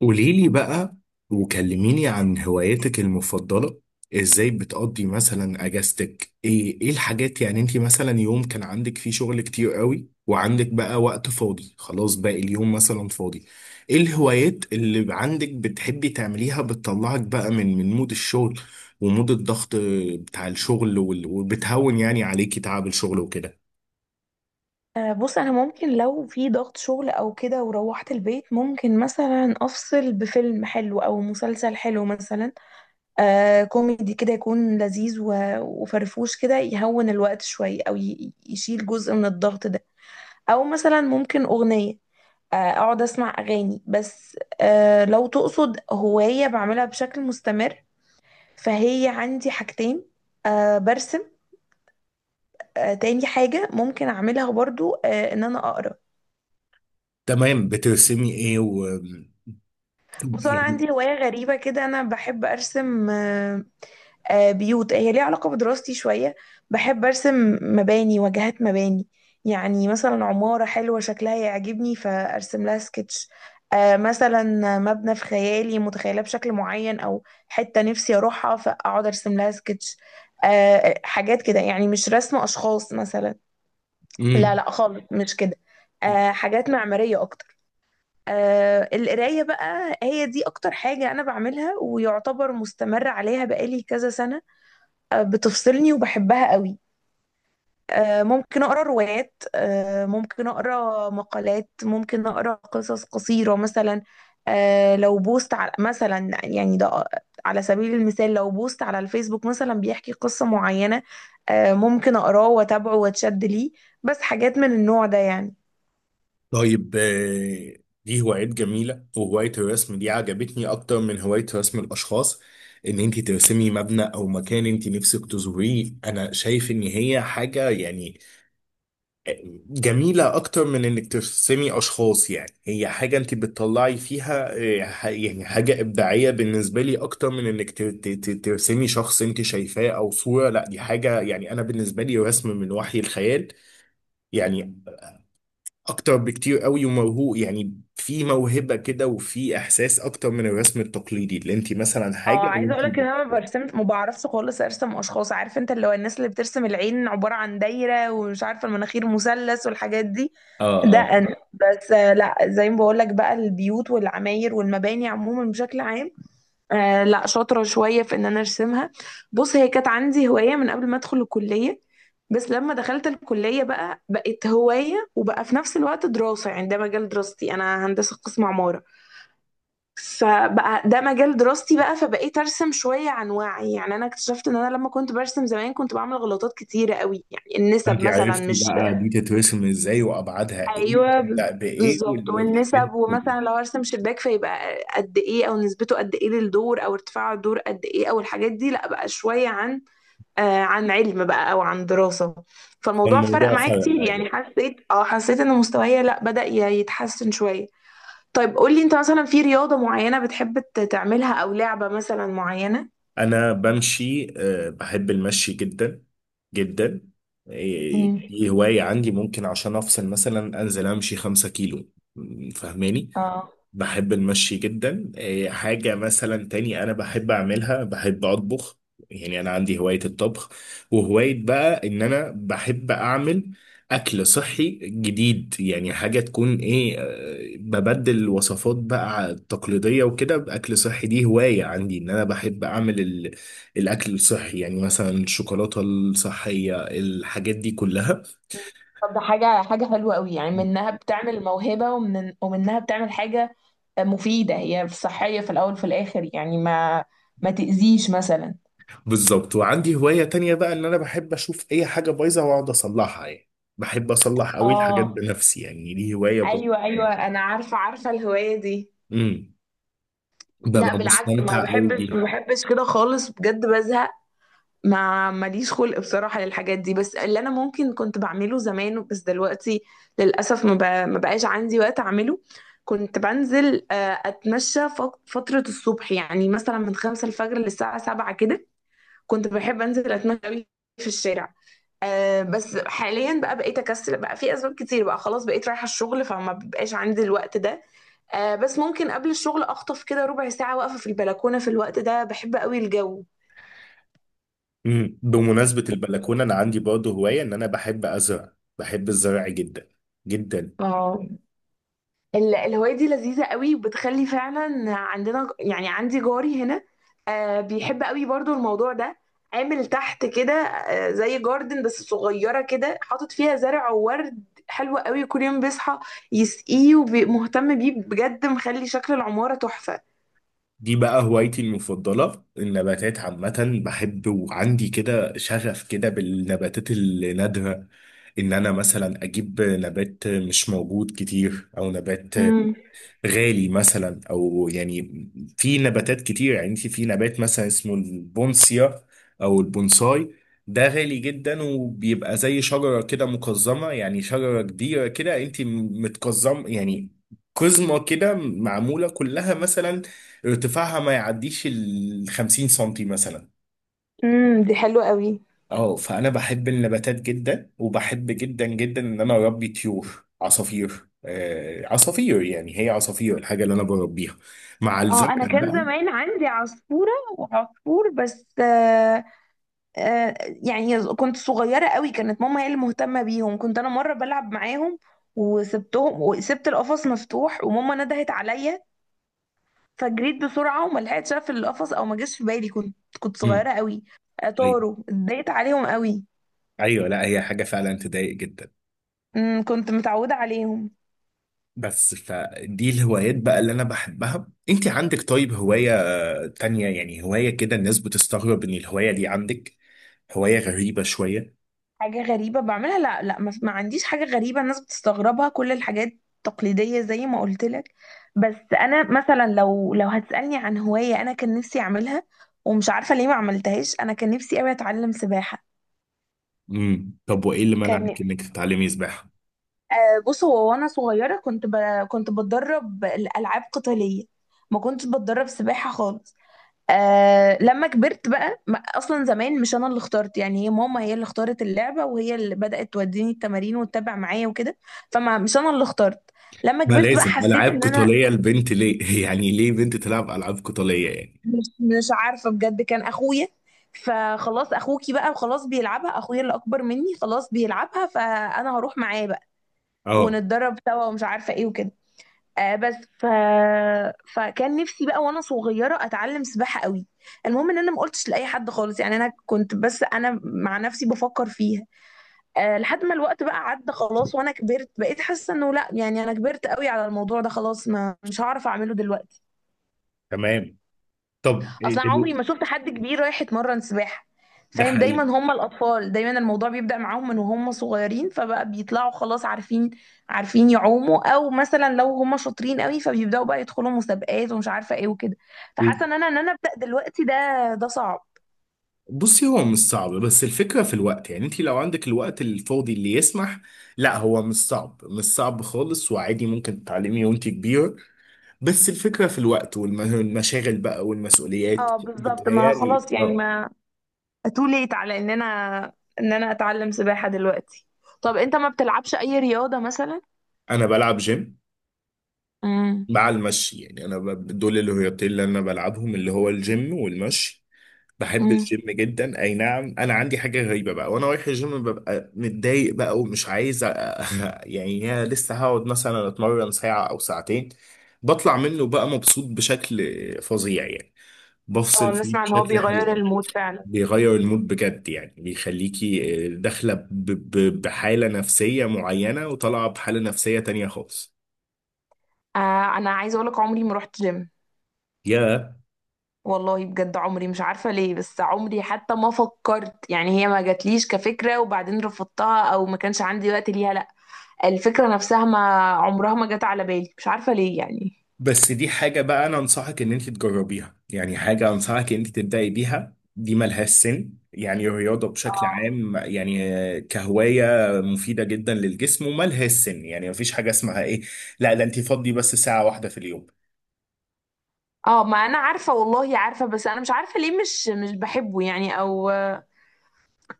قولي لي بقى، وكلميني عن هواياتك المفضلة. ازاي بتقضي مثلا اجازتك؟ ايه ايه الحاجات، يعني انت مثلا يوم كان عندك فيه شغل كتير قوي وعندك بقى وقت فاضي، خلاص باقي اليوم مثلا فاضي، ايه الهوايات اللي عندك بتحبي تعمليها، بتطلعك بقى من مود الشغل ومود الضغط بتاع الشغل وبتهون يعني عليكي تعب الشغل وكده. بص انا ممكن لو في ضغط شغل او كده وروحت البيت ممكن مثلا افصل بفيلم حلو او مسلسل حلو مثلا. كوميدي كده يكون لذيذ وفرفوش كده يهون الوقت شوية او يشيل جزء من الضغط ده. او مثلا ممكن اغنية، اقعد اسمع اغاني. بس لو تقصد هواية بعملها بشكل مستمر فهي عندي حاجتين. برسم. تاني حاجة ممكن اعملها برضو ان انا اقرا. تمام، بترسمي ايه و بص انا يعني؟ عندي هوايه غريبه كده، انا بحب ارسم بيوت، هي ليها علاقه بدراستي شويه. بحب ارسم مباني، واجهات مباني. يعني مثلا عماره حلوه شكلها يعجبني فارسم لها سكتش. مثلا مبنى في خيالي متخيله بشكل معين او حته نفسي اروحها فاقعد ارسم لها سكتش. آه، حاجات كده، يعني مش رسم اشخاص مثلا. لا امم لا خالص مش كده، حاجات معماريه اكتر. القراية بقى هي دي أكتر حاجة أنا بعملها ويعتبر مستمرة عليها بقالي كذا سنة. بتفصلني وبحبها قوي. ممكن أقرأ روايات، ممكن أقرأ مقالات، ممكن أقرأ قصص قصيرة مثلا. لو بوست على مثلا يعني ده، على سبيل المثال لو بوست على الفيسبوك مثلا بيحكي قصة معينة ممكن أقراه وأتابعه وأتشد ليه. بس حاجات من النوع ده يعني. طيب. دي هوايات جميلة، وهواية الرسم دي عجبتني أكتر من هواية رسم الأشخاص. إن أنت ترسمي مبنى أو مكان أنت نفسك تزوريه، أنا شايف إن هي حاجة يعني آه، جميلة أكتر من إنك ترسمي أشخاص. يعني هي حاجة أنت بتطلعي فيها، يعني حاجة إبداعية بالنسبة لي أكتر من إنك ترسمي شخص أنت شايفاه أو صورة. لا دي حاجة يعني أنا بالنسبة لي رسم من وحي الخيال يعني، اكتر بكتير قوي وموهوب. يعني في موهبة كده وفي احساس اكتر من الرسم التقليدي اللي انت مثلا اه حاجة عايزه وانت اقولك ان انا ما برسمش، ما بعرفش خالص ارسم اشخاص. عارف انت اللي هو الناس اللي بترسم العين عباره عن دايره ومش عارفه المناخير مثلث والحاجات دي. اه ده اه. انا بس لا، زي ما بقولك بقى البيوت والعماير والمباني عموما بشكل عام. لا، شاطره شويه في ان انا ارسمها. بص، هي كانت عندي هوايه من قبل ما ادخل الكليه، بس لما دخلت الكليه بقى بقت هوايه وبقى في نفس الوقت دراسه، يعني ده مجال دراستي، انا هندسه قسم عماره. فبقى ده مجال دراستي بقى فبقيت ارسم شويه عن وعي. يعني انا اكتشفت ان انا لما كنت برسم زمان كنت بعمل غلطات كتيره قوي، يعني النسب انت مثلا عرفتي مش. بقى دي تترسم ازاي وابعادها ايه ايوه وتبدأ بايه بالظبط، والحاجات والنسب، دي كلها. ومثلا لو ارسم شباك فيبقى قد ايه او نسبته قد ايه للدور او ارتفاع الدور قد ايه او الحاجات دي. لا بقى شويه عن عن علم بقى او عن دراسه. فالموضوع فرق فالموضوع معايا فرق، كتير، ايوه. يعني حسيت ان مستواي لا بدأ يتحسن شويه. طيب قولي انت مثلا في رياضة معينة بتحب تعملها او لعبة مثلا معينة؟ انا بمشي، بحب المشي جدا جدا. إيه، امم. دي هواية عندي ممكن عشان افصل مثلا انزل امشي 5 كيلو. م، فاهماني؟ اه. بحب المشي جدا. إيه، حاجة مثلا تاني أنا بحب أعملها، بحب أطبخ. يعني أنا عندي هواية الطبخ، وهواية بقى إن أنا بحب أعمل أكل صحي جديد. يعني حاجة تكون إيه، ببدل وصفات بقى التقليدية وكده بأكل صحي. دي هواية عندي إن أنا بحب أعمل الأكل الصحي، يعني مثلا الشوكولاتة الصحية، الحاجات دي كلها. طب ده حاجة حلوة قوي، يعني منها بتعمل موهبة ومنها بتعمل حاجة مفيدة، هي صحية في الأول وفي الآخر، يعني ما ما تأذيش مثلا. بالظبط، وعندي هواية تانية بقى ان انا بحب اشوف اي حاجة بايظة واقعد اصلحها. يعني بحب اصلح قوي الحاجات اه، بنفسي، يعني دي هواية برضه. ايوه ايوه، انا عارفة الهواية دي. امم، لا ببقى بالعكس، ما مستمتع قوي بحبش ما بيها. بحبش كده خالص، بجد بزهق. ما ماليش خلق بصراحة للحاجات دي، بس اللي انا ممكن كنت بعمله زمان بس دلوقتي للأسف ما بقاش عندي وقت اعمله. كنت بنزل اتمشى فترة الصبح، يعني مثلا من 5 الفجر للساعة 7 كده. كنت بحب انزل اتمشى أوي في الشارع. بس حاليا بقى بقيت اكسل، بقى في اسباب كتير بقى، خلاص بقيت رايحة الشغل فما بيبقاش عندي الوقت ده. بس ممكن قبل الشغل اخطف كده ربع ساعة واقفة في البلكونة، في الوقت ده بحب قوي الجو. امم، بمناسبة البلكونة انا عندي برضه هواية ان انا بحب ازرع، بحب الزرع جدا جدا. اه، الهواية دي لذيذة قوي وبتخلي فعلا، عندنا يعني عندي جاري هنا بيحب قوي برضو الموضوع ده. عامل تحت كده زي جاردن بس صغيرة كده، حاطط فيها زرع وورد حلو قوي، كل يوم بيصحى يسقيه ومهتم بيه بجد، مخلي شكل العمارة تحفة. دي بقى هوايتي المفضلة، النباتات عامة بحب، وعندي كده شغف كده بالنباتات النادرة. ان انا مثلا اجيب نبات مش موجود كتير، او نبات امم. غالي مثلا، او يعني في نباتات كتير. يعني انت في نبات مثلا اسمه البونسيا او البونساي، ده غالي جدا، وبيبقى زي شجرة كده مقزمة. يعني شجرة كبيرة كده انت متقزم، يعني قزمة كده، معمولة كلها مثلا ارتفاعها ما يعديش ال 50 سنتي مثلا. امم، دي حلوة قوي. اه فانا بحب النباتات جدا، وبحب جدا جدا ان انا اربي طيور عصافير. آه عصافير، يعني هي عصافير الحاجه اللي انا بربيها مع الزرع اه، انا كان بقى. زمان عندي عصفورة وعصفور بس. آه، يعني كنت صغيرة قوي، كانت ماما هي اللي مهتمة بيهم، كنت أنا مرة بلعب معاهم وسبتهم وسبت القفص مفتوح وماما ندهت عليا فجريت بسرعة وما لحقتش أقفل القفص أو ما جاش في بالي، كنت مم. صغيرة قوي. طيب. طاروا، اتضايقت عليهم قوي. ايوه، لا هي حاجه فعلا تضايق جدا. أمم، كنت متعودة عليهم. بس فدي الهوايات بقى اللي انا بحبها. انت عندك طيب هوايه تانية، يعني هوايه كده الناس بتستغرب ان الهوايه دي عندك، هوايه غريبه شويه؟ حاجة غريبة بعملها؟ لا لا، ما ما عنديش حاجة غريبة الناس بتستغربها، كل الحاجات تقليدية زي ما قلت لك. بس انا مثلا لو لو هتسألني عن هواية انا كان نفسي اعملها ومش عارفة ليه ما عملتهاش، انا كان نفسي قوي اتعلم سباحة. امم، طب وايه اللي كان منعك نفسي. انك تتعلمي سباحه؟ بص، هو وانا صغيرة كنت بتدرب الألعاب قتالية، ما كنتش بتدرب سباحة خالص. لما كبرت بقى اصلا زمان مش انا اللي اخترت، يعني هي ماما هي اللي اختارت اللعبه وهي اللي بدات توديني التمارين وتتابع معايا وكده، فما مش انا اللي اخترت. لما ما كبرت بقى لازم حسيت العاب ان انا قتاليه البنت ليه؟ يعني ليه بنت تلعب العاب قتاليه يعني؟ مش عارفه بجد، كان اخويا. فخلاص، اخوكي بقى وخلاص بيلعبها، اخويا اللي اكبر مني خلاص بيلعبها فانا هروح معاه بقى اه. ونتدرب سوا ومش عارفه ايه وكده. آه بس ف... فكان نفسي بقى وانا صغيره اتعلم سباحه قوي. المهم ان انا ما قلتش لاي حد خالص، يعني انا كنت بس انا مع نفسي بفكر فيها. لحد ما الوقت بقى عدى خلاص وانا كبرت، بقيت حاسه انه لا، يعني انا كبرت قوي على الموضوع ده خلاص، ما مش هعرف اعمله دلوقتي. تمام. طب إيه اصلا عمري ما شفت حد كبير رايح يتمرن سباحه، ده فاهم؟ دايما حقيقي. هم الاطفال، دايما الموضوع بيبدأ معاهم من وهم صغيرين، فبقى بيطلعوا خلاص عارفين، يعوموا، او مثلا لو هم شاطرين قوي فبيبدأوا بقى يدخلوا مسابقات ومش عارفه ايه وكده. فحاسه و- ان انا، ابدأ دلوقتي، ده ده صعب. بصي، هو مش صعب، بس الفكره في الوقت، يعني انت لو عندك الوقت الفاضي اللي يسمح. لا هو مش صعب، مش صعب خالص، وعادي ممكن تتعلمي وانت كبيره، بس الفكره في الوقت والمشاغل بقى والمسؤوليات. اه بالظبط، ما بتهيالي خلاص يعني، اه. ما too late على ان انا اتعلم سباحه دلوقتي. طب انت ما بتلعبش اي رياضه مثلا؟ انا بلعب جيم امم. مع المشي، يعني انا دول الرياضتين اللي انا بلعبهم، اللي هو الجيم والمشي. بحب امم. الجيم جدا. اي نعم، انا عندي حاجه غريبه بقى، وانا رايح الجيم ببقى متضايق بقى، ومش عايز يعني يا لسه هقعد مثلا اتمرن ساعه او ساعتين. بطلع منه بقى مبسوط بشكل فظيع يعني، اه، بفصل فيه نسمع ان هو بشكل حلو بيغير أوي. المود فعلا. بيغير المود بجد، يعني بيخليكي داخله بحاله نفسيه معينه، وطالعه بحاله نفسيه تانية خالص. انا عايزه اقولك عمري ما رحت جيم يا والله، بجد عمري، مش عارفه ليه بس عمري حتى ما فكرت، يعني هي ما جاتليش كفكره وبعدين رفضتها او ما كانش عندي وقت ليها، لا الفكره نفسها ما عمرها ما جت على بالي، مش عارفه ليه يعني. بس دي حاجة بقى أنا أنصحك إن أنت تجربيها، يعني حاجة أنصحك إن أنت تبدأي بيها. دي ملهاش سن، يعني الرياضة بشكل اه عام، يعني كهواية مفيدة جدا للجسم، وملهاش سن. يعني مفيش حاجة اسمها إيه، لا ده أنت فضي بس ساعة واحدة في اليوم. اه، ما انا عارفه والله، عارفه بس انا مش عارفه ليه، مش بحبه يعني او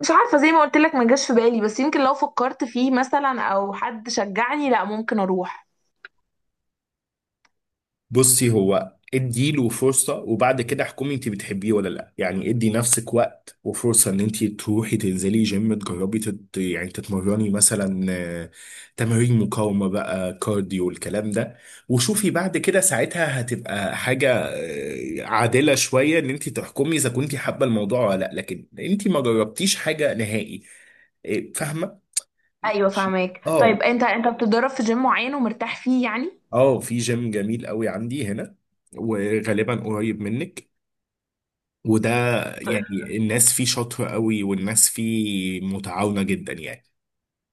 مش عارفه، زي ما قلت لك ما جاش في بالي، بس يمكن لو فكرت فيه مثلا او حد شجعني لا ممكن اروح. بصي هو ادي له فرصة، وبعد كده احكمي انت بتحبيه ولا لا. يعني ادي نفسك وقت وفرصة ان انت تروحي تنزلي جيم تجربي يعني تتمرني مثلا، تمارين مقاومة بقى كارديو والكلام ده. وشوفي بعد كده، ساعتها هتبقى حاجة عادلة شوية ان انت تحكمي اذا كنت حابة الموضوع ولا لا. لكن انت ما جربتيش حاجة نهائي. إيه، فاهمة. ايوه فهماك. اه. طيب انت، انت بتتدرب في جيم معين ومرتاح فيه يعني؟ اه في جيم جميل قوي عندي هنا، وغالبا قريب منك، وده يعني الناس فيه شاطرة قوي، والناس فيه متعاونة جدا يعني.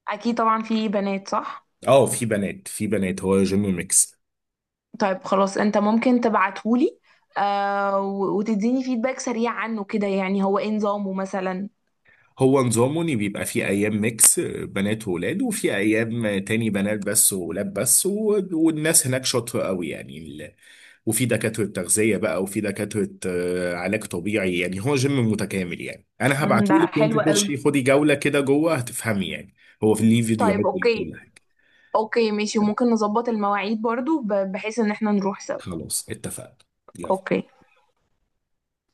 اكيد طبعا في بنات صح؟ اه في بنات، في بنات، هو جيم ميكس. طيب خلاص، انت ممكن تبعتهولي وتديني فيدباك سريع عنه كده، يعني هو ايه نظامه مثلا. هو نظامه ان بيبقى في ايام ميكس بنات وولاد، وفي ايام تاني بنات بس وولاد بس، والناس هناك شاطرة قوي يعني وفي دكاترة تغذية بقى، وفي دكاترة علاج طبيعي. يعني هو جيم متكامل، يعني انا امم، ده هبعتهولك، حلو وانت قوي. خشي خدي جولة كده جوه هتفهمي، يعني هو في ليه فيديوهات طيب وليه كل اوكي، حاجة. اوكي ماشي، وممكن نظبط المواعيد برضو بحيث ان احنا نروح سوا. خلاص، اتفقنا. يلا. اوكي.